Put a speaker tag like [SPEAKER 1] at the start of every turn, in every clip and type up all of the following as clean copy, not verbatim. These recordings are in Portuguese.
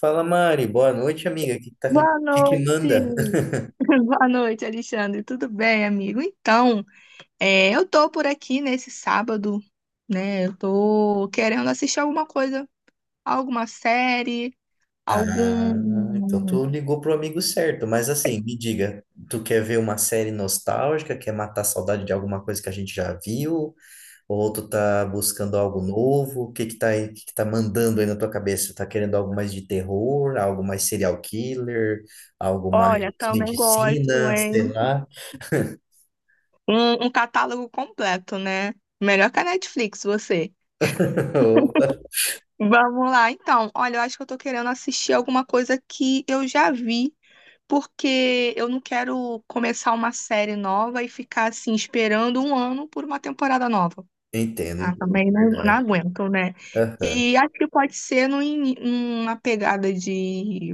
[SPEAKER 1] Fala, Mari. Boa noite, amiga. O que, que tá-
[SPEAKER 2] Boa
[SPEAKER 1] que que manda?
[SPEAKER 2] noite. Boa noite, Alexandre. Tudo bem, amigo? Então, eu tô por aqui nesse sábado, né? Eu tô querendo assistir alguma coisa, alguma série,
[SPEAKER 1] Ah, então
[SPEAKER 2] algum.
[SPEAKER 1] tu ligou pro amigo certo. Mas assim, me diga, tu quer ver uma série nostálgica? Quer matar a saudade de alguma coisa que a gente já viu? Ou tu tá buscando algo novo? O que que tá mandando aí na tua cabeça? Tá querendo algo mais de terror, algo mais serial killer, algo mais
[SPEAKER 2] Olha, também gosto,
[SPEAKER 1] medicina,
[SPEAKER 2] hein?
[SPEAKER 1] sei lá.
[SPEAKER 2] Um catálogo completo, né? Melhor que a Netflix, você.
[SPEAKER 1] Opa.
[SPEAKER 2] Vamos lá, então. Olha, eu acho que eu tô querendo assistir alguma coisa que eu já vi, porque eu não quero começar uma série nova e ficar assim esperando um ano por uma temporada nova.
[SPEAKER 1] Entendo,
[SPEAKER 2] Ah,
[SPEAKER 1] entendo, é
[SPEAKER 2] também não, não
[SPEAKER 1] verdade.
[SPEAKER 2] aguento, né?
[SPEAKER 1] Aham.
[SPEAKER 2] E acho que pode ser numa pegada de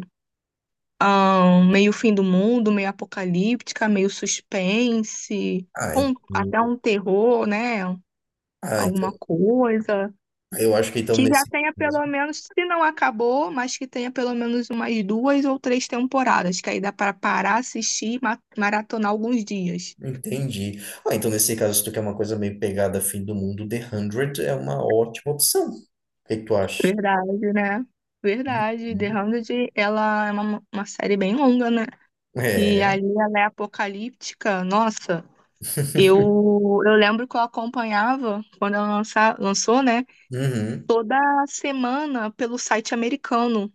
[SPEAKER 2] meio fim do mundo, meio apocalíptica, meio suspense,
[SPEAKER 1] Ah, en-
[SPEAKER 2] até um terror, né?
[SPEAKER 1] ah, então.
[SPEAKER 2] Alguma coisa.
[SPEAKER 1] Eu acho que então
[SPEAKER 2] Que já
[SPEAKER 1] nesse
[SPEAKER 2] tenha
[SPEAKER 1] caso.
[SPEAKER 2] pelo menos, se não acabou, mas que tenha pelo menos umas duas ou três temporadas, que aí dá para parar, assistir, e maratonar alguns dias.
[SPEAKER 1] Entendi. Ah, então nesse caso, se tu quer uma coisa meio pegada fim do mundo, The 100 é uma ótima opção. O que que tu acha?
[SPEAKER 2] Verdade, né? Verdade.
[SPEAKER 1] Uhum.
[SPEAKER 2] The 100, ela é uma série bem longa, né? E
[SPEAKER 1] É.
[SPEAKER 2] ali ela é apocalíptica. Nossa, eu lembro que eu acompanhava, quando ela lançou, né?
[SPEAKER 1] Uhum.
[SPEAKER 2] Toda semana pelo site americano.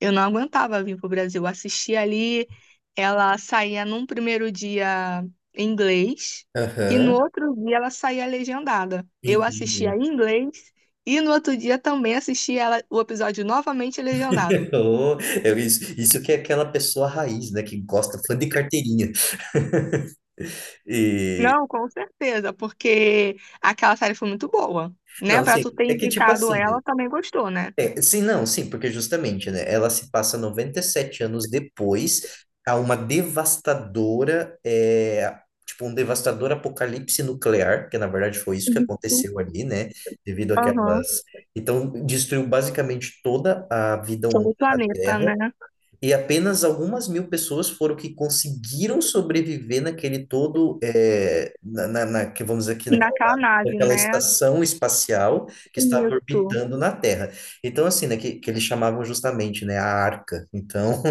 [SPEAKER 2] Eu não aguentava vir pro Brasil. Eu assistia ali, ela saía num primeiro dia em inglês e no
[SPEAKER 1] Aham.
[SPEAKER 2] outro dia ela saía legendada. Eu assistia
[SPEAKER 1] Entendi.
[SPEAKER 2] em inglês e no outro dia também assistia ela, o episódio novamente legendado.
[SPEAKER 1] Oh, isso que é aquela pessoa raiz, né? Que gosta, fã de carteirinha. E,
[SPEAKER 2] Não, com certeza, porque aquela série foi muito boa,
[SPEAKER 1] não,
[SPEAKER 2] né? Pra
[SPEAKER 1] assim,
[SPEAKER 2] tu ter
[SPEAKER 1] é que tipo
[SPEAKER 2] indicado
[SPEAKER 1] assim, né?
[SPEAKER 2] ela, também gostou, né?
[SPEAKER 1] É, sim, não, sim, porque justamente, né, ela se passa 97 anos depois a uma devastadora, tipo, um devastador apocalipse nuclear, que na verdade foi isso que
[SPEAKER 2] Isso.
[SPEAKER 1] aconteceu ali, né, devido
[SPEAKER 2] Aham.
[SPEAKER 1] àquelas... Então, destruiu basicamente toda a vida humana
[SPEAKER 2] Todo o
[SPEAKER 1] na
[SPEAKER 2] planeta,
[SPEAKER 1] Terra,
[SPEAKER 2] né?
[SPEAKER 1] e apenas algumas mil pessoas foram que conseguiram sobreviver naquele todo, que vamos dizer aqui naquela,
[SPEAKER 2] Naquela nave,
[SPEAKER 1] naquela
[SPEAKER 2] né?
[SPEAKER 1] estação espacial que estava
[SPEAKER 2] Isso.
[SPEAKER 1] orbitando na Terra. Então, assim, né, que eles chamavam justamente, né, a Arca. Então,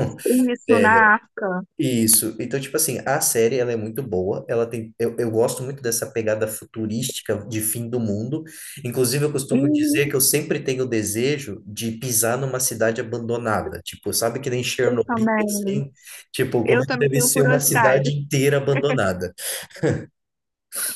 [SPEAKER 2] Isso na Arca.
[SPEAKER 1] isso. Então, tipo assim, a série ela é muito boa. Ela tem, eu gosto muito dessa pegada futurística de fim do mundo. Inclusive, eu costumo
[SPEAKER 2] Uhum.
[SPEAKER 1] dizer que eu sempre tenho o desejo de pisar numa cidade abandonada. Tipo, sabe que nem Chernobyl,
[SPEAKER 2] Também.
[SPEAKER 1] assim? Tipo, como
[SPEAKER 2] Eu
[SPEAKER 1] é que
[SPEAKER 2] também
[SPEAKER 1] deve
[SPEAKER 2] tenho
[SPEAKER 1] ser uma cidade
[SPEAKER 2] curiosidade.
[SPEAKER 1] inteira abandonada?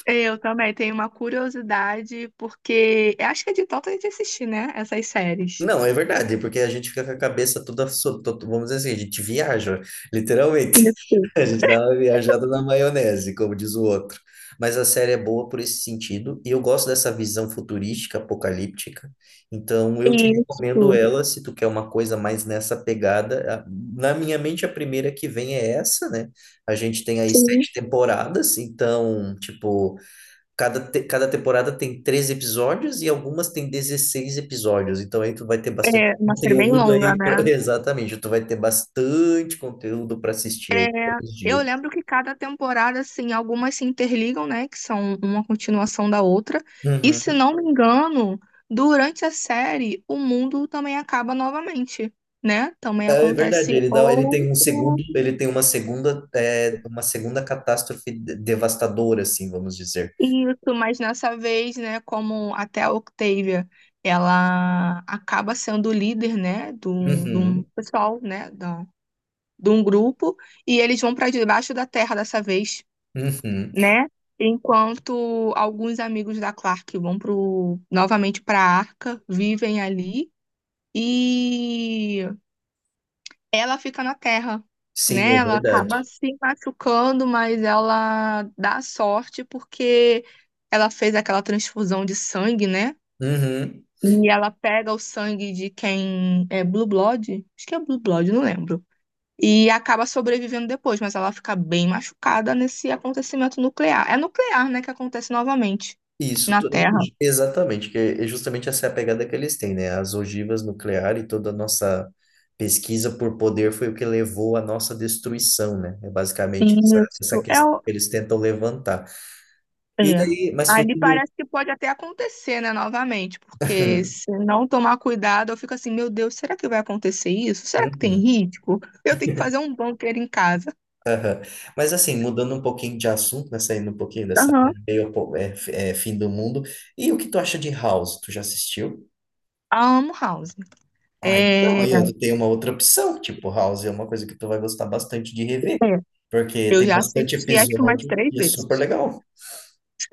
[SPEAKER 2] Eu também tenho uma curiosidade, porque eu acho que é de tanto a gente assistir, né? Essas séries.
[SPEAKER 1] Não, é verdade, porque a gente fica com a cabeça toda, vamos dizer assim, a gente viaja, literalmente.
[SPEAKER 2] Isso,
[SPEAKER 1] A gente dá uma viajada na maionese, como diz o outro. Mas a série é boa por esse sentido, e eu gosto dessa visão futurística, apocalíptica. Então, eu te recomendo
[SPEAKER 2] isso.
[SPEAKER 1] ela se tu quer uma coisa mais nessa pegada. A- Na minha mente, a primeira que vem é essa, né? A gente tem aí
[SPEAKER 2] Sim.
[SPEAKER 1] 7 temporadas, então, tipo, Cada temporada tem 13 episódios e algumas tem 16 episódios. Então aí tu vai ter bastante
[SPEAKER 2] É uma série bem
[SPEAKER 1] conteúdo
[SPEAKER 2] longa,
[SPEAKER 1] aí.
[SPEAKER 2] né?
[SPEAKER 1] Exatamente, tu vai ter bastante conteúdo para assistir aí todos os
[SPEAKER 2] Eu
[SPEAKER 1] dias.
[SPEAKER 2] lembro que cada temporada, assim, algumas se interligam, né? Que são uma continuação da outra. E se
[SPEAKER 1] Uhum.
[SPEAKER 2] não me engano, durante a série, o mundo também acaba novamente, né? Também
[SPEAKER 1] É
[SPEAKER 2] acontece
[SPEAKER 1] verdade, ele dá, ele tem um
[SPEAKER 2] outro.
[SPEAKER 1] segundo, ele tem uma segunda, uma segunda catástrofe devastadora, assim, vamos dizer.
[SPEAKER 2] Isso, mas nessa vez, né, como até a Octavia, ela acaba sendo líder, né, de um
[SPEAKER 1] Uhum,
[SPEAKER 2] pessoal, né, de um grupo, e eles vão para debaixo da terra dessa vez,
[SPEAKER 1] uhum.
[SPEAKER 2] né, enquanto alguns amigos da Clark vão novamente para a Arca, vivem ali, e ela fica na Terra,
[SPEAKER 1] Sim,
[SPEAKER 2] né?
[SPEAKER 1] é
[SPEAKER 2] Ela acaba
[SPEAKER 1] verdade.
[SPEAKER 2] se machucando, mas ela dá sorte porque ela fez aquela transfusão de sangue, né?
[SPEAKER 1] Uhum.
[SPEAKER 2] E ela pega o sangue de quem é Blue Blood, acho que é Blue Blood, não lembro. E acaba sobrevivendo depois, mas ela fica bem machucada nesse acontecimento nuclear. É nuclear, né, que acontece novamente
[SPEAKER 1] Isso,
[SPEAKER 2] na
[SPEAKER 1] tu-
[SPEAKER 2] Terra.
[SPEAKER 1] exatamente, que é justamente essa é a pegada que eles têm, né? As ogivas nucleares e toda a nossa pesquisa por poder foi o que levou à nossa destruição, né? É basicamente essa
[SPEAKER 2] Isso. É,
[SPEAKER 1] questão que eles tentam levantar. E
[SPEAKER 2] é.
[SPEAKER 1] daí, mas
[SPEAKER 2] Ali
[SPEAKER 1] fugindo.
[SPEAKER 2] parece que pode até acontecer, né, novamente, porque se não tomar cuidado, eu fico assim, meu Deus, será que vai acontecer isso? Será que tem
[SPEAKER 1] Uhum,
[SPEAKER 2] risco? Eu tenho que fazer um bunker em casa.
[SPEAKER 1] aham. Mas assim, mudando um pouquinho de assunto, né? Saindo um pouquinho dessa
[SPEAKER 2] Aham.
[SPEAKER 1] meio, po- é, f- é, fim do mundo. E o que tu acha de House? Tu já assistiu?
[SPEAKER 2] Amo House.
[SPEAKER 1] Ah, então,
[SPEAKER 2] É,
[SPEAKER 1] aí ó, tu tem uma outra opção, tipo, House é uma coisa que tu vai gostar bastante de rever,
[SPEAKER 2] é.
[SPEAKER 1] porque
[SPEAKER 2] Eu
[SPEAKER 1] tem
[SPEAKER 2] já
[SPEAKER 1] bastante
[SPEAKER 2] assisti acho que mais
[SPEAKER 1] episódio
[SPEAKER 2] três
[SPEAKER 1] e é
[SPEAKER 2] vezes.
[SPEAKER 1] super legal.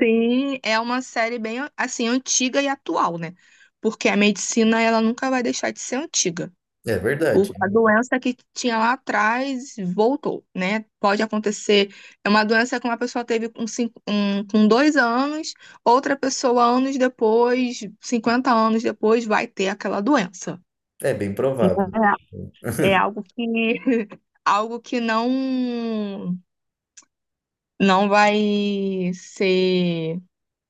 [SPEAKER 2] Sim, é uma série bem assim antiga e atual, né? Porque a medicina ela nunca vai deixar de ser antiga.
[SPEAKER 1] É verdade,
[SPEAKER 2] A doença que tinha lá atrás voltou, né? Pode acontecer. É uma doença que uma pessoa teve com 2 anos, outra pessoa, anos depois, 50 anos depois, vai ter aquela doença.
[SPEAKER 1] é bem provável. Tipo.
[SPEAKER 2] É algo que algo que não vai ser,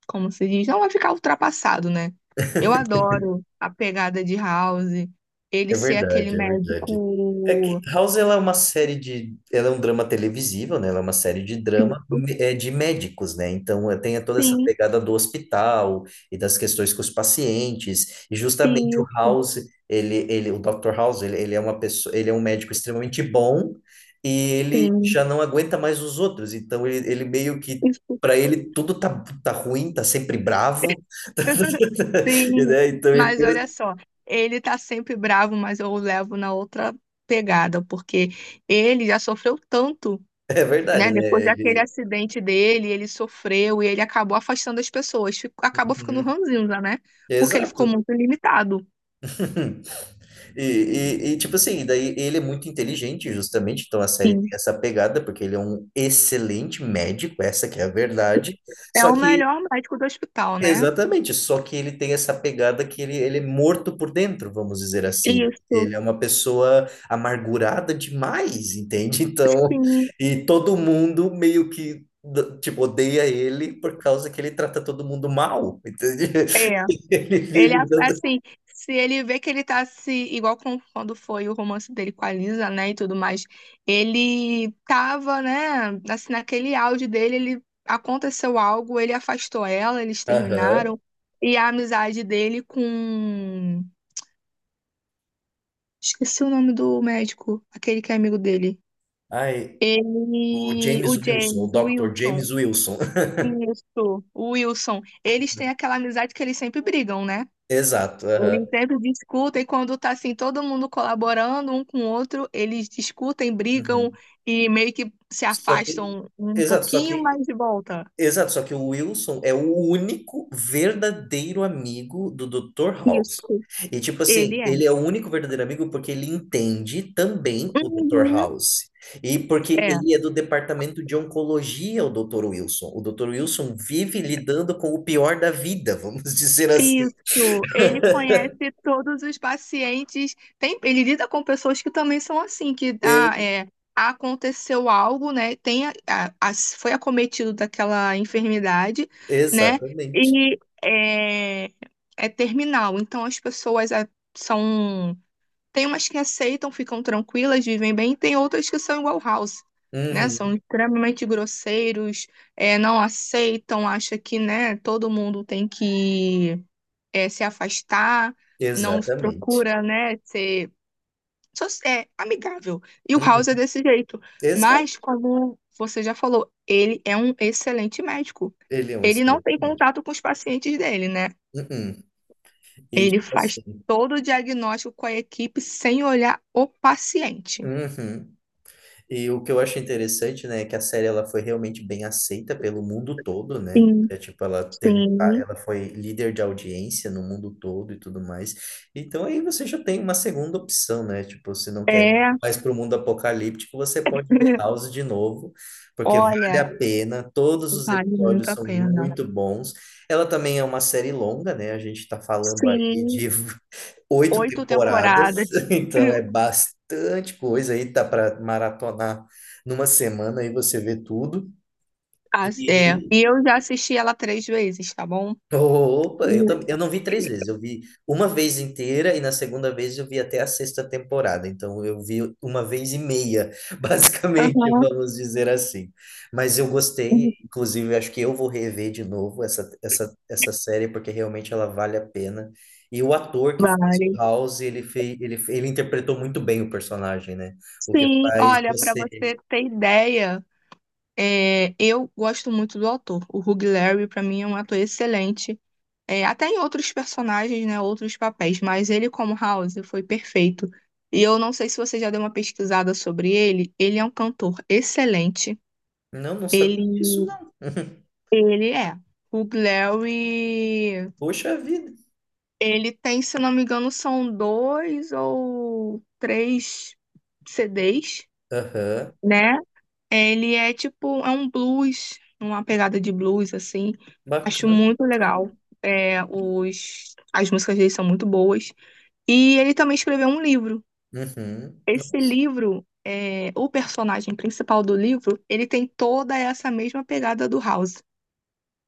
[SPEAKER 2] como se diz, não vai ficar ultrapassado, né? Eu adoro a pegada de House,
[SPEAKER 1] É
[SPEAKER 2] ele ser
[SPEAKER 1] verdade,
[SPEAKER 2] aquele
[SPEAKER 1] é verdade. É que
[SPEAKER 2] médico.
[SPEAKER 1] House ela é uma série de, ela é um drama televisivo, né? Ela é uma série de de médicos, né? Então é, tem toda essa
[SPEAKER 2] Sim,
[SPEAKER 1] pegada do hospital e das questões com os pacientes. E justamente o
[SPEAKER 2] isso,
[SPEAKER 1] House, o Dr. House, ele é uma pessoa, ele é um médico extremamente bom e ele
[SPEAKER 2] sim.
[SPEAKER 1] já não aguenta mais os outros. Então ele meio que
[SPEAKER 2] Isso.
[SPEAKER 1] Para ele, tá ruim, tá sempre bravo,
[SPEAKER 2] Sim.
[SPEAKER 1] né? Então, ele
[SPEAKER 2] Mas olha
[SPEAKER 1] tem-
[SPEAKER 2] só, ele tá sempre bravo, mas eu o levo na outra pegada, porque ele já sofreu tanto,
[SPEAKER 1] é verdade,
[SPEAKER 2] né? Depois
[SPEAKER 1] né?
[SPEAKER 2] daquele
[SPEAKER 1] Ele,
[SPEAKER 2] acidente dele, ele sofreu e ele acabou afastando as pessoas, acabou ficando
[SPEAKER 1] uhum.
[SPEAKER 2] ranzinza, né? Porque ele ficou
[SPEAKER 1] Exato.
[SPEAKER 2] muito limitado.
[SPEAKER 1] E, e tipo assim, daí ele é muito inteligente, justamente, então a série tem
[SPEAKER 2] Sim.
[SPEAKER 1] essa pegada, porque ele é um excelente médico, essa que é a verdade.
[SPEAKER 2] É
[SPEAKER 1] Só
[SPEAKER 2] o
[SPEAKER 1] que,
[SPEAKER 2] melhor médico do hospital, né?
[SPEAKER 1] exatamente, só que ele tem essa pegada que ele é morto por dentro, vamos dizer assim. Né?
[SPEAKER 2] Isso,
[SPEAKER 1] Ele é uma pessoa amargurada demais, entende? Então,
[SPEAKER 2] sim,
[SPEAKER 1] e todo mundo meio que, d- tipo, odeia ele por causa que ele trata todo mundo mal, entende?
[SPEAKER 2] é.
[SPEAKER 1] Ele
[SPEAKER 2] Ele,
[SPEAKER 1] vive dando
[SPEAKER 2] assim, se ele vê que ele tá se. Igual com, quando foi o romance dele com a Lisa, né, e tudo mais. Ele tava, né, assim, naquele auge dele, ele aconteceu algo, ele afastou ela, eles
[SPEAKER 1] Aham.
[SPEAKER 2] terminaram. E a amizade dele com. Esqueci o nome do médico, aquele que é amigo dele.
[SPEAKER 1] Ai, o
[SPEAKER 2] Ele. O
[SPEAKER 1] James Wilson, o
[SPEAKER 2] James, o
[SPEAKER 1] Dr.
[SPEAKER 2] Wilson.
[SPEAKER 1] James Wilson.
[SPEAKER 2] Isso, o Wilson. Eles têm aquela amizade que eles sempre brigam, né?
[SPEAKER 1] Exato, aham.
[SPEAKER 2] Eles sempre discutem quando tá assim, todo mundo colaborando um com o outro, eles discutem, brigam
[SPEAKER 1] Uhum.
[SPEAKER 2] e meio que se
[SPEAKER 1] Só que,
[SPEAKER 2] afastam um
[SPEAKER 1] exato, só
[SPEAKER 2] pouquinho,
[SPEAKER 1] que,
[SPEAKER 2] mas de volta.
[SPEAKER 1] exato, só que o Wilson é o único verdadeiro amigo do Dr. House.
[SPEAKER 2] Isso,
[SPEAKER 1] E tipo assim,
[SPEAKER 2] ele é.
[SPEAKER 1] ele é o único verdadeiro amigo porque ele entende também o Dr.
[SPEAKER 2] Uhum,
[SPEAKER 1] House. E porque
[SPEAKER 2] é.
[SPEAKER 1] ele é do departamento de oncologia, o Dr. Wilson. O Dr. Wilson vive lidando com o pior da vida, vamos dizer assim.
[SPEAKER 2] Isso, ele conhece todos os pacientes. Tem, ele lida com pessoas que também são assim, que
[SPEAKER 1] E-
[SPEAKER 2] aconteceu algo, né? Tem foi acometido daquela enfermidade, né?
[SPEAKER 1] exatamente.
[SPEAKER 2] E é terminal. Então as pessoas são. Tem umas que aceitam, ficam tranquilas, vivem bem, e tem outras que são igual House, né? São
[SPEAKER 1] Uhum,
[SPEAKER 2] extremamente grosseiros, não aceitam, acha que, né, todo mundo tem que se afastar, não
[SPEAKER 1] exatamente.
[SPEAKER 2] procura, né, ser só é amigável. E o
[SPEAKER 1] Uhum.
[SPEAKER 2] House é desse jeito.
[SPEAKER 1] Exato.
[SPEAKER 2] Mas, como você já falou, ele é um excelente médico.
[SPEAKER 1] Ele é um
[SPEAKER 2] Ele não
[SPEAKER 1] excelente
[SPEAKER 2] tem
[SPEAKER 1] médico.
[SPEAKER 2] contato com os pacientes dele, né?
[SPEAKER 1] Uhum. E
[SPEAKER 2] Ele
[SPEAKER 1] tipo
[SPEAKER 2] faz
[SPEAKER 1] assim.
[SPEAKER 2] todo o diagnóstico com a equipe sem olhar o paciente.
[SPEAKER 1] Uhum. E o que eu acho interessante, né, é que a série ela foi realmente bem aceita pelo mundo todo, né?
[SPEAKER 2] Sim,
[SPEAKER 1] É, tipo, ela teve,
[SPEAKER 2] sim.
[SPEAKER 1] ela foi líder de audiência no mundo todo e tudo mais. Então aí você já tem uma segunda opção, né? Tipo, se não quer ir
[SPEAKER 2] É,
[SPEAKER 1] mais para o mundo apocalíptico, você pode ver House de novo, porque vale
[SPEAKER 2] olha,
[SPEAKER 1] a pena. Todos os
[SPEAKER 2] vale muito
[SPEAKER 1] episódios
[SPEAKER 2] a
[SPEAKER 1] são
[SPEAKER 2] pena.
[SPEAKER 1] muito bons. Ela também é uma série longa, né? A gente está falando aí
[SPEAKER 2] Sim,
[SPEAKER 1] de oito
[SPEAKER 2] oito
[SPEAKER 1] temporadas,
[SPEAKER 2] temporadas.
[SPEAKER 1] então é bastante coisa aí, dá para maratonar numa semana aí você vê tudo.
[SPEAKER 2] Ah, e
[SPEAKER 1] E
[SPEAKER 2] eu já assisti ela três vezes, tá bom?
[SPEAKER 1] opa,
[SPEAKER 2] Hum,
[SPEAKER 1] eu também, eu não vi três vezes, eu vi uma vez inteira e na segunda vez eu vi até a sexta temporada, então eu vi uma vez e meia, basicamente,
[SPEAKER 2] Aham,
[SPEAKER 1] vamos dizer assim. Mas eu gostei,
[SPEAKER 2] hum,
[SPEAKER 1] inclusive acho que eu vou rever de novo essa série porque realmente ela vale a pena. E o ator que fez o
[SPEAKER 2] vários.
[SPEAKER 1] House, ele interpretou muito bem o personagem, né? O que
[SPEAKER 2] Sim,
[SPEAKER 1] faz
[SPEAKER 2] olha, para
[SPEAKER 1] você.
[SPEAKER 2] você ter ideia, eu gosto muito do ator. O Hugh Laurie, para mim, é um ator excelente. É, até em outros personagens, né, outros papéis, mas ele como House foi perfeito. E eu não sei se você já deu uma pesquisada sobre ele. Ele é um cantor excelente.
[SPEAKER 1] Não, não sabia
[SPEAKER 2] Ele,
[SPEAKER 1] disso, não.
[SPEAKER 2] ele é. Hugh Laurie,
[SPEAKER 1] Poxa vida.
[SPEAKER 2] ele tem, se não me engano, são dois ou três CDs,
[SPEAKER 1] Aham,
[SPEAKER 2] né? Ele é tipo, é um blues, uma pegada de blues, assim. Acho
[SPEAKER 1] bacana,
[SPEAKER 2] muito
[SPEAKER 1] bacana.
[SPEAKER 2] legal. É, as músicas dele são muito boas. E ele também escreveu um livro.
[SPEAKER 1] Uhum.
[SPEAKER 2] Esse
[SPEAKER 1] Nossa,
[SPEAKER 2] livro, o personagem principal do livro, ele tem toda essa mesma pegada do House.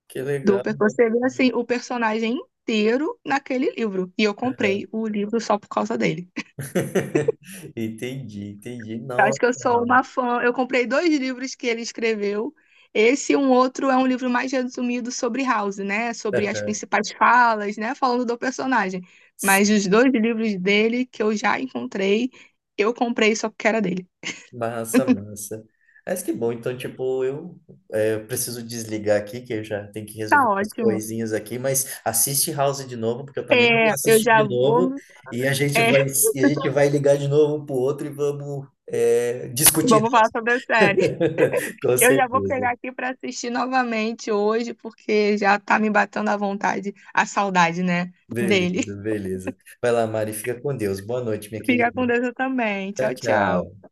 [SPEAKER 1] que legal.
[SPEAKER 2] Você vê, assim, o personagem inteiro naquele livro. E eu
[SPEAKER 1] Aham.
[SPEAKER 2] comprei o livro só por causa dele.
[SPEAKER 1] Entendi, entendi.
[SPEAKER 2] Acho que eu
[SPEAKER 1] Nossa,
[SPEAKER 2] sou uma
[SPEAKER 1] mano.
[SPEAKER 2] fã. Eu comprei dois livros que ele escreveu. Esse e um outro é um livro mais resumido sobre House, né? Sobre as
[SPEAKER 1] Aham.
[SPEAKER 2] principais falas, né? Falando do personagem. Mas os dois livros dele que eu já encontrei, eu comprei só porque era dele.
[SPEAKER 1] Massa, massa. Mas que bom, então, tipo, eu preciso desligar aqui, que eu já tenho que resolver
[SPEAKER 2] Tá
[SPEAKER 1] umas
[SPEAKER 2] ótimo.
[SPEAKER 1] coisinhas aqui, mas assiste House de novo, porque eu também vou
[SPEAKER 2] É, eu
[SPEAKER 1] assistir
[SPEAKER 2] já
[SPEAKER 1] de novo,
[SPEAKER 2] vou.
[SPEAKER 1] e a gente
[SPEAKER 2] é,
[SPEAKER 1] vai, e a gente vai ligar de novo um pro outro e vamos discutir
[SPEAKER 2] Vamos falar
[SPEAKER 1] House.
[SPEAKER 2] sobre a série.
[SPEAKER 1] Com
[SPEAKER 2] Eu já vou
[SPEAKER 1] certeza.
[SPEAKER 2] pegar aqui para assistir novamente hoje, porque já tá me batendo a vontade, a saudade, né? Dele.
[SPEAKER 1] Beleza, beleza. Vai lá, Mari, fica com Deus. Boa noite, minha
[SPEAKER 2] Fica
[SPEAKER 1] querida.
[SPEAKER 2] com Deus eu também.
[SPEAKER 1] Tchau,
[SPEAKER 2] Tchau, tchau.
[SPEAKER 1] tchau.